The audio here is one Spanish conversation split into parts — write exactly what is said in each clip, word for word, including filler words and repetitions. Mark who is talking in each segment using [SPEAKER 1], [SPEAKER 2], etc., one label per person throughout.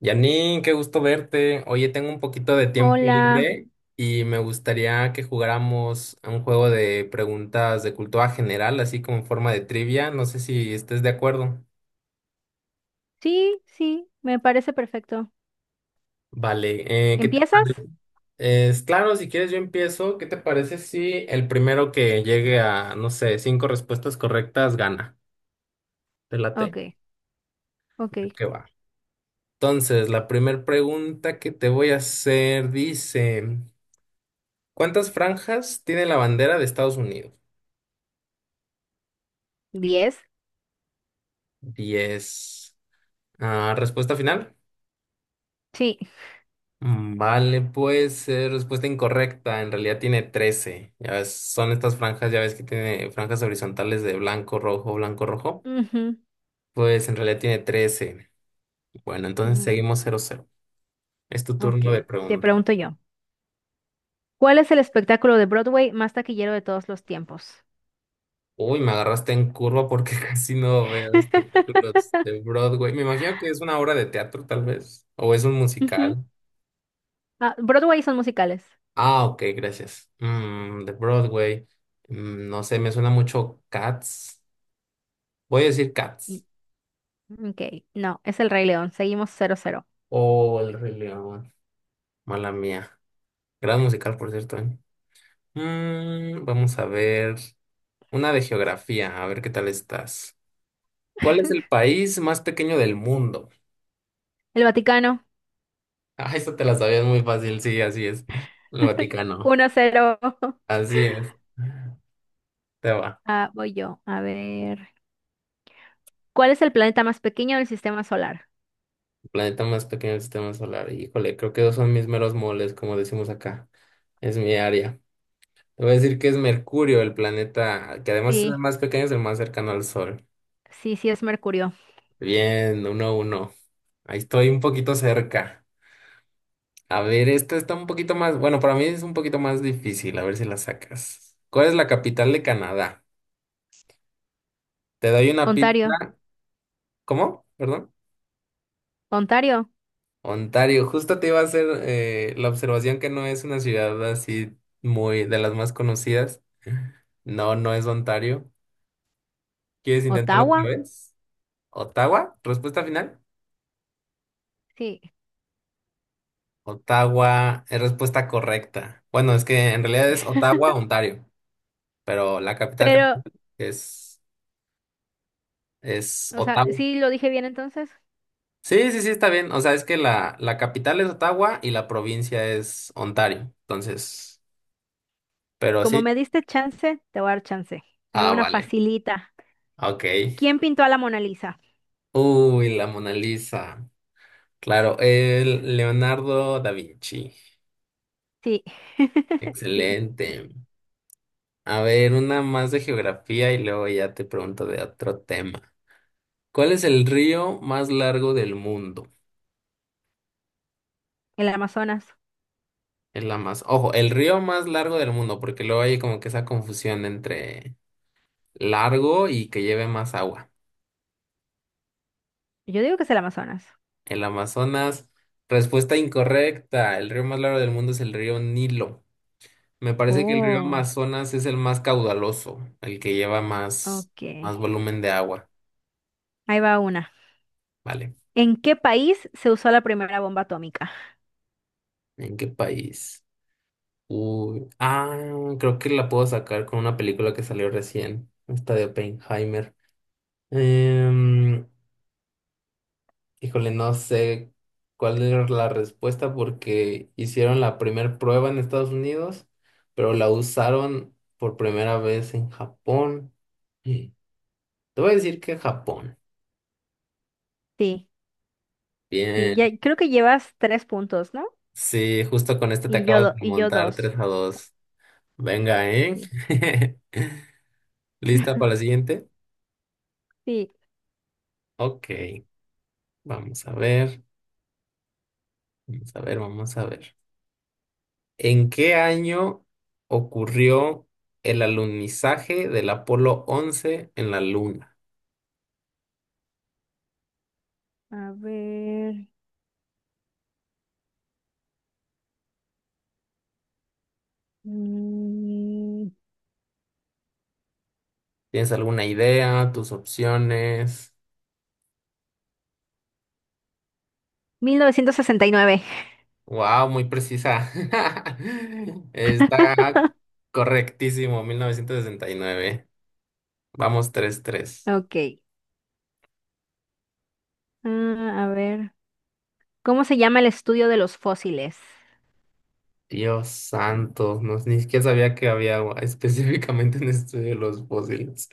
[SPEAKER 1] Janine, qué gusto verte. Oye, tengo un poquito de tiempo
[SPEAKER 2] Hola.
[SPEAKER 1] libre y me gustaría que jugáramos a un juego de preguntas de cultura general, así como en forma de trivia. No sé si estés de acuerdo.
[SPEAKER 2] Sí, sí, me parece perfecto.
[SPEAKER 1] Vale, eh, ¿qué te parece?
[SPEAKER 2] ¿Empiezas?
[SPEAKER 1] Es claro, si quieres yo empiezo. ¿Qué te parece si el primero que llegue a, no sé, cinco respuestas correctas gana? ¿Te
[SPEAKER 2] Ok,
[SPEAKER 1] late?
[SPEAKER 2] ok.
[SPEAKER 1] ¿Qué va? Entonces, la primera pregunta que te voy a hacer dice, ¿cuántas franjas tiene la bandera de Estados Unidos?
[SPEAKER 2] ¿Diez?
[SPEAKER 1] Diez. Ah, respuesta final.
[SPEAKER 2] Sí.
[SPEAKER 1] Mm, vale, pues eh, respuesta incorrecta. En realidad tiene trece. Ya ves, son estas franjas, ya ves que tiene franjas horizontales de blanco, rojo, blanco, rojo.
[SPEAKER 2] Ujú.
[SPEAKER 1] Pues en realidad tiene trece. Bueno, entonces
[SPEAKER 2] mm,
[SPEAKER 1] seguimos cero cero. Es tu
[SPEAKER 2] Ok,
[SPEAKER 1] turno de
[SPEAKER 2] te
[SPEAKER 1] pregunta.
[SPEAKER 2] pregunto yo. ¿Cuál es el espectáculo de Broadway más taquillero de todos los tiempos?
[SPEAKER 1] Uy, me agarraste en curva porque casi no veo espectáculos de Broadway. Me imagino que es una obra de teatro, tal vez. O es un
[SPEAKER 2] Ujú.
[SPEAKER 1] musical.
[SPEAKER 2] Ah, Broadway son musicales.
[SPEAKER 1] Ah, ok, gracias. Mm, de Broadway. Mm, no sé, me suena mucho Cats. Voy a decir
[SPEAKER 2] Mm,
[SPEAKER 1] Cats.
[SPEAKER 2] Ok, no, es El Rey León. Seguimos cero cero.
[SPEAKER 1] Oh, El Rey León. Mala mía. Gran musical, por cierto, ¿eh? Mm, vamos a ver. Una de geografía, a ver qué tal estás. ¿Cuál es el país más pequeño del mundo?
[SPEAKER 2] El Vaticano.
[SPEAKER 1] Ah, eso te la sabías muy fácil, sí, así es. El Vaticano.
[SPEAKER 2] Uno cero.
[SPEAKER 1] Así es. Te va.
[SPEAKER 2] Ah, voy yo. A ver. ¿Cuál es el planeta más pequeño del sistema solar?
[SPEAKER 1] El planeta más pequeño del sistema solar. Híjole, creo que dos son mis meros moles, como decimos acá. Es mi área. Te voy a decir que es Mercurio, el planeta que además es el
[SPEAKER 2] Sí,
[SPEAKER 1] más pequeño, es el más cercano al Sol.
[SPEAKER 2] sí, sí, es Mercurio.
[SPEAKER 1] Bien, uno a uno. Ahí estoy un poquito cerca. A ver, esta está un poquito más, bueno, para mí es un poquito más difícil, a ver si la sacas. ¿Cuál es la capital de Canadá? Te doy una
[SPEAKER 2] ¿Ontario?
[SPEAKER 1] pista. ¿Cómo? Perdón.
[SPEAKER 2] Ontario,
[SPEAKER 1] Ontario. Justo te iba a hacer eh, la observación que no es una ciudad así muy de las más conocidas. No, no es Ontario. ¿Quieres intentarlo
[SPEAKER 2] Ottawa,
[SPEAKER 1] otra vez? ¿Ottawa? ¿Respuesta final?
[SPEAKER 2] sí.
[SPEAKER 1] Ottawa es respuesta correcta. Bueno, es que en realidad es Ottawa, Ontario, pero la capital
[SPEAKER 2] Pero,
[SPEAKER 1] es, es
[SPEAKER 2] o sea,
[SPEAKER 1] Ottawa.
[SPEAKER 2] sí lo dije bien entonces.
[SPEAKER 1] Sí, sí, sí, está bien. O sea, es que la, la capital es Ottawa y la provincia es Ontario. Entonces, pero
[SPEAKER 2] Como
[SPEAKER 1] sí.
[SPEAKER 2] me diste chance, te voy a dar chance. Ahí va
[SPEAKER 1] Ah,
[SPEAKER 2] una
[SPEAKER 1] vale.
[SPEAKER 2] facilita.
[SPEAKER 1] Ok.
[SPEAKER 2] ¿Quién pintó a la Mona Lisa?
[SPEAKER 1] Uy, la Mona Lisa. Claro, el Leonardo da Vinci.
[SPEAKER 2] Sí, sí,
[SPEAKER 1] Excelente. A ver, una más de geografía y luego ya te pregunto de otro tema. ¿Cuál es el río más largo del mundo?
[SPEAKER 2] el Amazonas.
[SPEAKER 1] Es la más, ojo, el río más largo del mundo, porque luego hay como que esa confusión entre largo y que lleve más agua.
[SPEAKER 2] Yo digo que es el Amazonas.
[SPEAKER 1] El Amazonas, respuesta incorrecta. El río más largo del mundo es el río Nilo. Me parece que el río
[SPEAKER 2] Oh,
[SPEAKER 1] Amazonas es el más caudaloso, el que lleva más,
[SPEAKER 2] ok.
[SPEAKER 1] más volumen de agua.
[SPEAKER 2] Ahí va una.
[SPEAKER 1] Vale.
[SPEAKER 2] ¿En qué país se usó la primera bomba atómica?
[SPEAKER 1] ¿En qué país? Uy, ah, creo que la puedo sacar con una película que salió recién, esta de Oppenheimer. Em, híjole, no sé cuál era la respuesta porque hicieron la primera prueba en Estados Unidos, pero la usaron por primera vez en Japón. Mm. Te voy a decir que Japón.
[SPEAKER 2] Sí, sí, ya,
[SPEAKER 1] Bien,
[SPEAKER 2] creo que llevas tres puntos, ¿no?
[SPEAKER 1] sí, justo con este te
[SPEAKER 2] Y
[SPEAKER 1] acabo
[SPEAKER 2] yo, do-
[SPEAKER 1] de
[SPEAKER 2] y yo
[SPEAKER 1] montar
[SPEAKER 2] dos.
[SPEAKER 1] tres a dos. Venga, ¿eh?
[SPEAKER 2] Sí,
[SPEAKER 1] ¿Lista para la siguiente?
[SPEAKER 2] sí.
[SPEAKER 1] Ok, vamos a ver, vamos a ver, vamos a ver. ¿En qué año ocurrió el alunizaje del Apolo once en la Luna?
[SPEAKER 2] A ver. mm,
[SPEAKER 1] ¿Tienes alguna idea? ¿Tus opciones?
[SPEAKER 2] mil novecientos sesenta y nueve.
[SPEAKER 1] Wow, muy precisa. Está correctísimo, mil novecientos sesenta y nueve. Vamos tres tres.
[SPEAKER 2] Ok. Ah, a ver. ¿Cómo se llama el estudio de los fósiles?
[SPEAKER 1] Dios santo, no, ni siquiera sabía que había agua específicamente en estudio de los fósiles.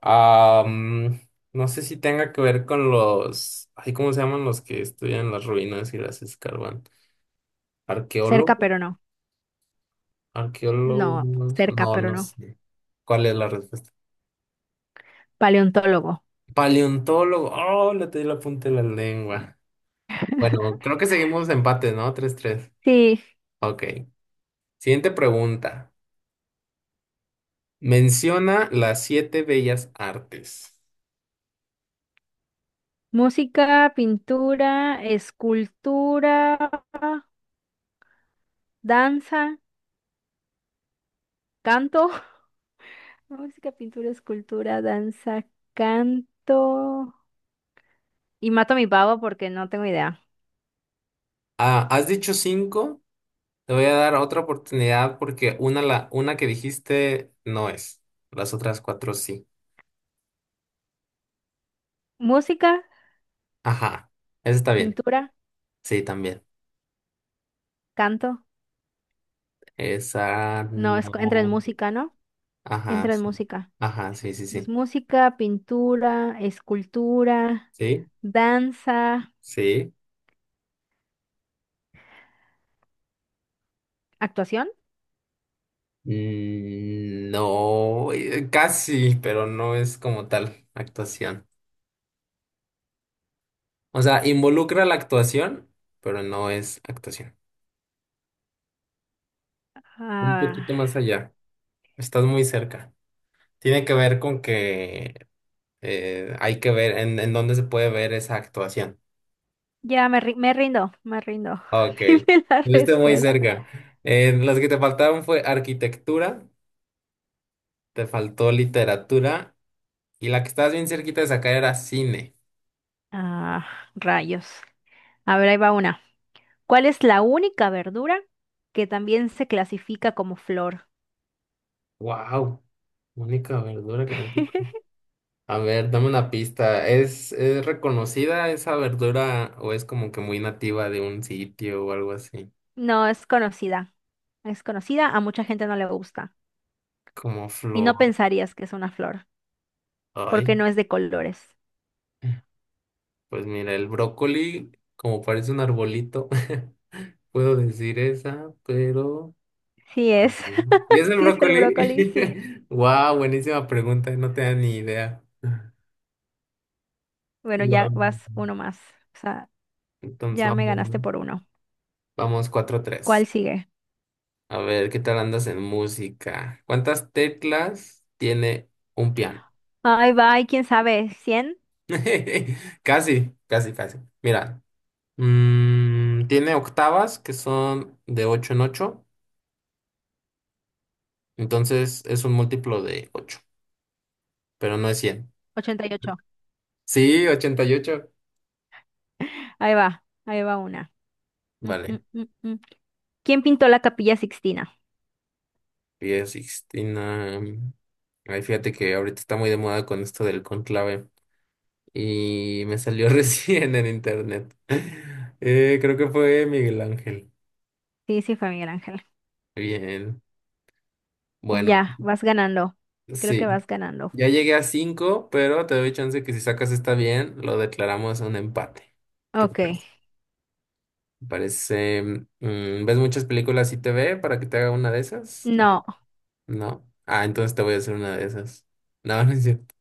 [SPEAKER 1] Am, no sé si tenga que ver con los, ay, ¿cómo se llaman los que estudian las ruinas y las escarban?
[SPEAKER 2] Cerca,
[SPEAKER 1] ¿Arqueólogos?
[SPEAKER 2] pero no. No,
[SPEAKER 1] ¿Arqueólogos?
[SPEAKER 2] cerca,
[SPEAKER 1] No,
[SPEAKER 2] pero
[SPEAKER 1] no
[SPEAKER 2] no.
[SPEAKER 1] sé. ¿Cuál es la respuesta?
[SPEAKER 2] Paleontólogo.
[SPEAKER 1] Paleontólogo. Oh, le di la punta de la lengua. Bueno, creo que seguimos empate, no, tres tres.
[SPEAKER 2] Sí.
[SPEAKER 1] Ok. Siguiente pregunta. Menciona las siete bellas artes.
[SPEAKER 2] Música, pintura, escultura, danza, canto. Música, pintura, escultura, danza, canto. Y mato a mi pavo porque no tengo idea.
[SPEAKER 1] Ah, has dicho cinco. Te voy a dar otra oportunidad porque una, la, una que dijiste no es. Las otras cuatro sí.
[SPEAKER 2] Música,
[SPEAKER 1] Ajá. Esa está bien.
[SPEAKER 2] pintura,
[SPEAKER 1] Sí, también.
[SPEAKER 2] canto.
[SPEAKER 1] Esa
[SPEAKER 2] No, es, entra en
[SPEAKER 1] no.
[SPEAKER 2] música, ¿no?
[SPEAKER 1] Ajá,
[SPEAKER 2] Entra en
[SPEAKER 1] sí.
[SPEAKER 2] música.
[SPEAKER 1] Ajá, sí, sí,
[SPEAKER 2] Pues
[SPEAKER 1] sí.
[SPEAKER 2] música, pintura, escultura,
[SPEAKER 1] Sí,
[SPEAKER 2] danza,
[SPEAKER 1] sí.
[SPEAKER 2] actuación.
[SPEAKER 1] Mm, No, eh, casi, pero no es como tal actuación. O sea, involucra la actuación, pero no es actuación. Un
[SPEAKER 2] Ah,
[SPEAKER 1] poquito más allá. Estás muy cerca. Tiene que ver con que, Eh, hay que ver en, en dónde se puede ver esa actuación.
[SPEAKER 2] ya me, ri- me rindo, me rindo.
[SPEAKER 1] Ok,
[SPEAKER 2] Dime la
[SPEAKER 1] estuviste muy
[SPEAKER 2] respuesta.
[SPEAKER 1] cerca. Eh, las que te faltaron fue arquitectura, te faltó literatura y la que estabas bien cerquita de sacar era cine.
[SPEAKER 2] Ah, rayos. A ver, ahí va una. ¿Cuál es la única verdura que también se clasifica como flor?
[SPEAKER 1] Wow, única verdura que tengo. A ver, dame una pista. ¿Es, es reconocida esa verdura o es como que muy nativa de un sitio o algo así?
[SPEAKER 2] No, es conocida. Es conocida, a mucha gente no le gusta.
[SPEAKER 1] Como
[SPEAKER 2] Y no
[SPEAKER 1] flor.
[SPEAKER 2] pensarías que es una flor,
[SPEAKER 1] Ay,
[SPEAKER 2] porque no es de colores.
[SPEAKER 1] pues mira, el brócoli, como parece un arbolito. Puedo decir esa, pero...
[SPEAKER 2] Sí es.
[SPEAKER 1] ¿Y es el
[SPEAKER 2] Sí es el
[SPEAKER 1] brócoli?
[SPEAKER 2] brócoli, sí.
[SPEAKER 1] Wow, buenísima pregunta, no tenía ni idea.
[SPEAKER 2] Bueno,
[SPEAKER 1] Guau.
[SPEAKER 2] ya vas uno más. O sea,
[SPEAKER 1] Entonces
[SPEAKER 2] ya me
[SPEAKER 1] vamos,
[SPEAKER 2] ganaste por uno.
[SPEAKER 1] vamos cuatro tres.
[SPEAKER 2] ¿Cuál sigue?
[SPEAKER 1] A ver, ¿qué tal andas en música? ¿Cuántas teclas tiene un piano?
[SPEAKER 2] Ahí va, ahí quién sabe, cien.
[SPEAKER 1] Casi, casi, casi. Mira, mm, tiene octavas que son de ocho en ocho, entonces es un múltiplo de ocho, pero no es cien.
[SPEAKER 2] Ochenta y ocho.
[SPEAKER 1] Sí, ochenta y ocho.
[SPEAKER 2] Ahí va, ahí va una. Mm, mm,
[SPEAKER 1] Vale.
[SPEAKER 2] mm, mm. ¿Quién pintó la Capilla Sixtina?
[SPEAKER 1] Capilla Sixtina. Ay, fíjate que ahorita está muy de moda con esto del conclave. Y me salió recién en internet. Eh, creo que fue Miguel Ángel.
[SPEAKER 2] Sí, sí fue Miguel Ángel.
[SPEAKER 1] Bien. Bueno,
[SPEAKER 2] Ya, vas ganando. Creo que
[SPEAKER 1] sí.
[SPEAKER 2] vas ganando.
[SPEAKER 1] Ya llegué a cinco, pero te doy chance que si sacas esta bien, lo declaramos un empate. ¿Qué te
[SPEAKER 2] Ok.
[SPEAKER 1] parece? Parece, mm, ¿ves muchas películas y T V para que te haga una de esas? ¿O
[SPEAKER 2] No,
[SPEAKER 1] no? Ah, entonces te voy a hacer una de esas. No, no es cierto.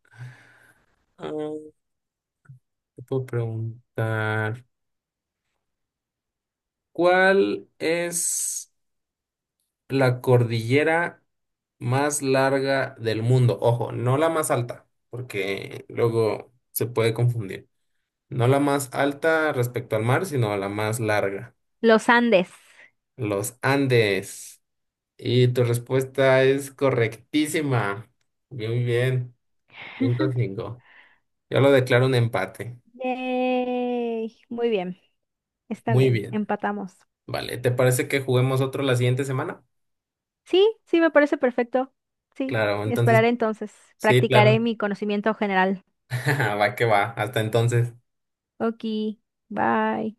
[SPEAKER 1] Te puedo preguntar, ¿cuál es la cordillera más larga del mundo? Ojo, no la más alta, porque luego se puede confundir. No la más alta respecto al mar, sino la más larga.
[SPEAKER 2] los Andes.
[SPEAKER 1] Los Andes. Y tu respuesta es correctísima. Muy bien. Cinco, cinco. Yo lo declaro un empate.
[SPEAKER 2] Yay. Muy bien, está
[SPEAKER 1] Muy
[SPEAKER 2] bien,
[SPEAKER 1] bien.
[SPEAKER 2] empatamos.
[SPEAKER 1] Vale, ¿te parece que juguemos otro la siguiente semana?
[SPEAKER 2] Sí, sí, me parece perfecto. Sí,
[SPEAKER 1] Claro, entonces,
[SPEAKER 2] esperaré entonces.
[SPEAKER 1] sí,
[SPEAKER 2] Practicaré
[SPEAKER 1] claro.
[SPEAKER 2] mi conocimiento general.
[SPEAKER 1] Va que va, hasta entonces.
[SPEAKER 2] Ok, bye.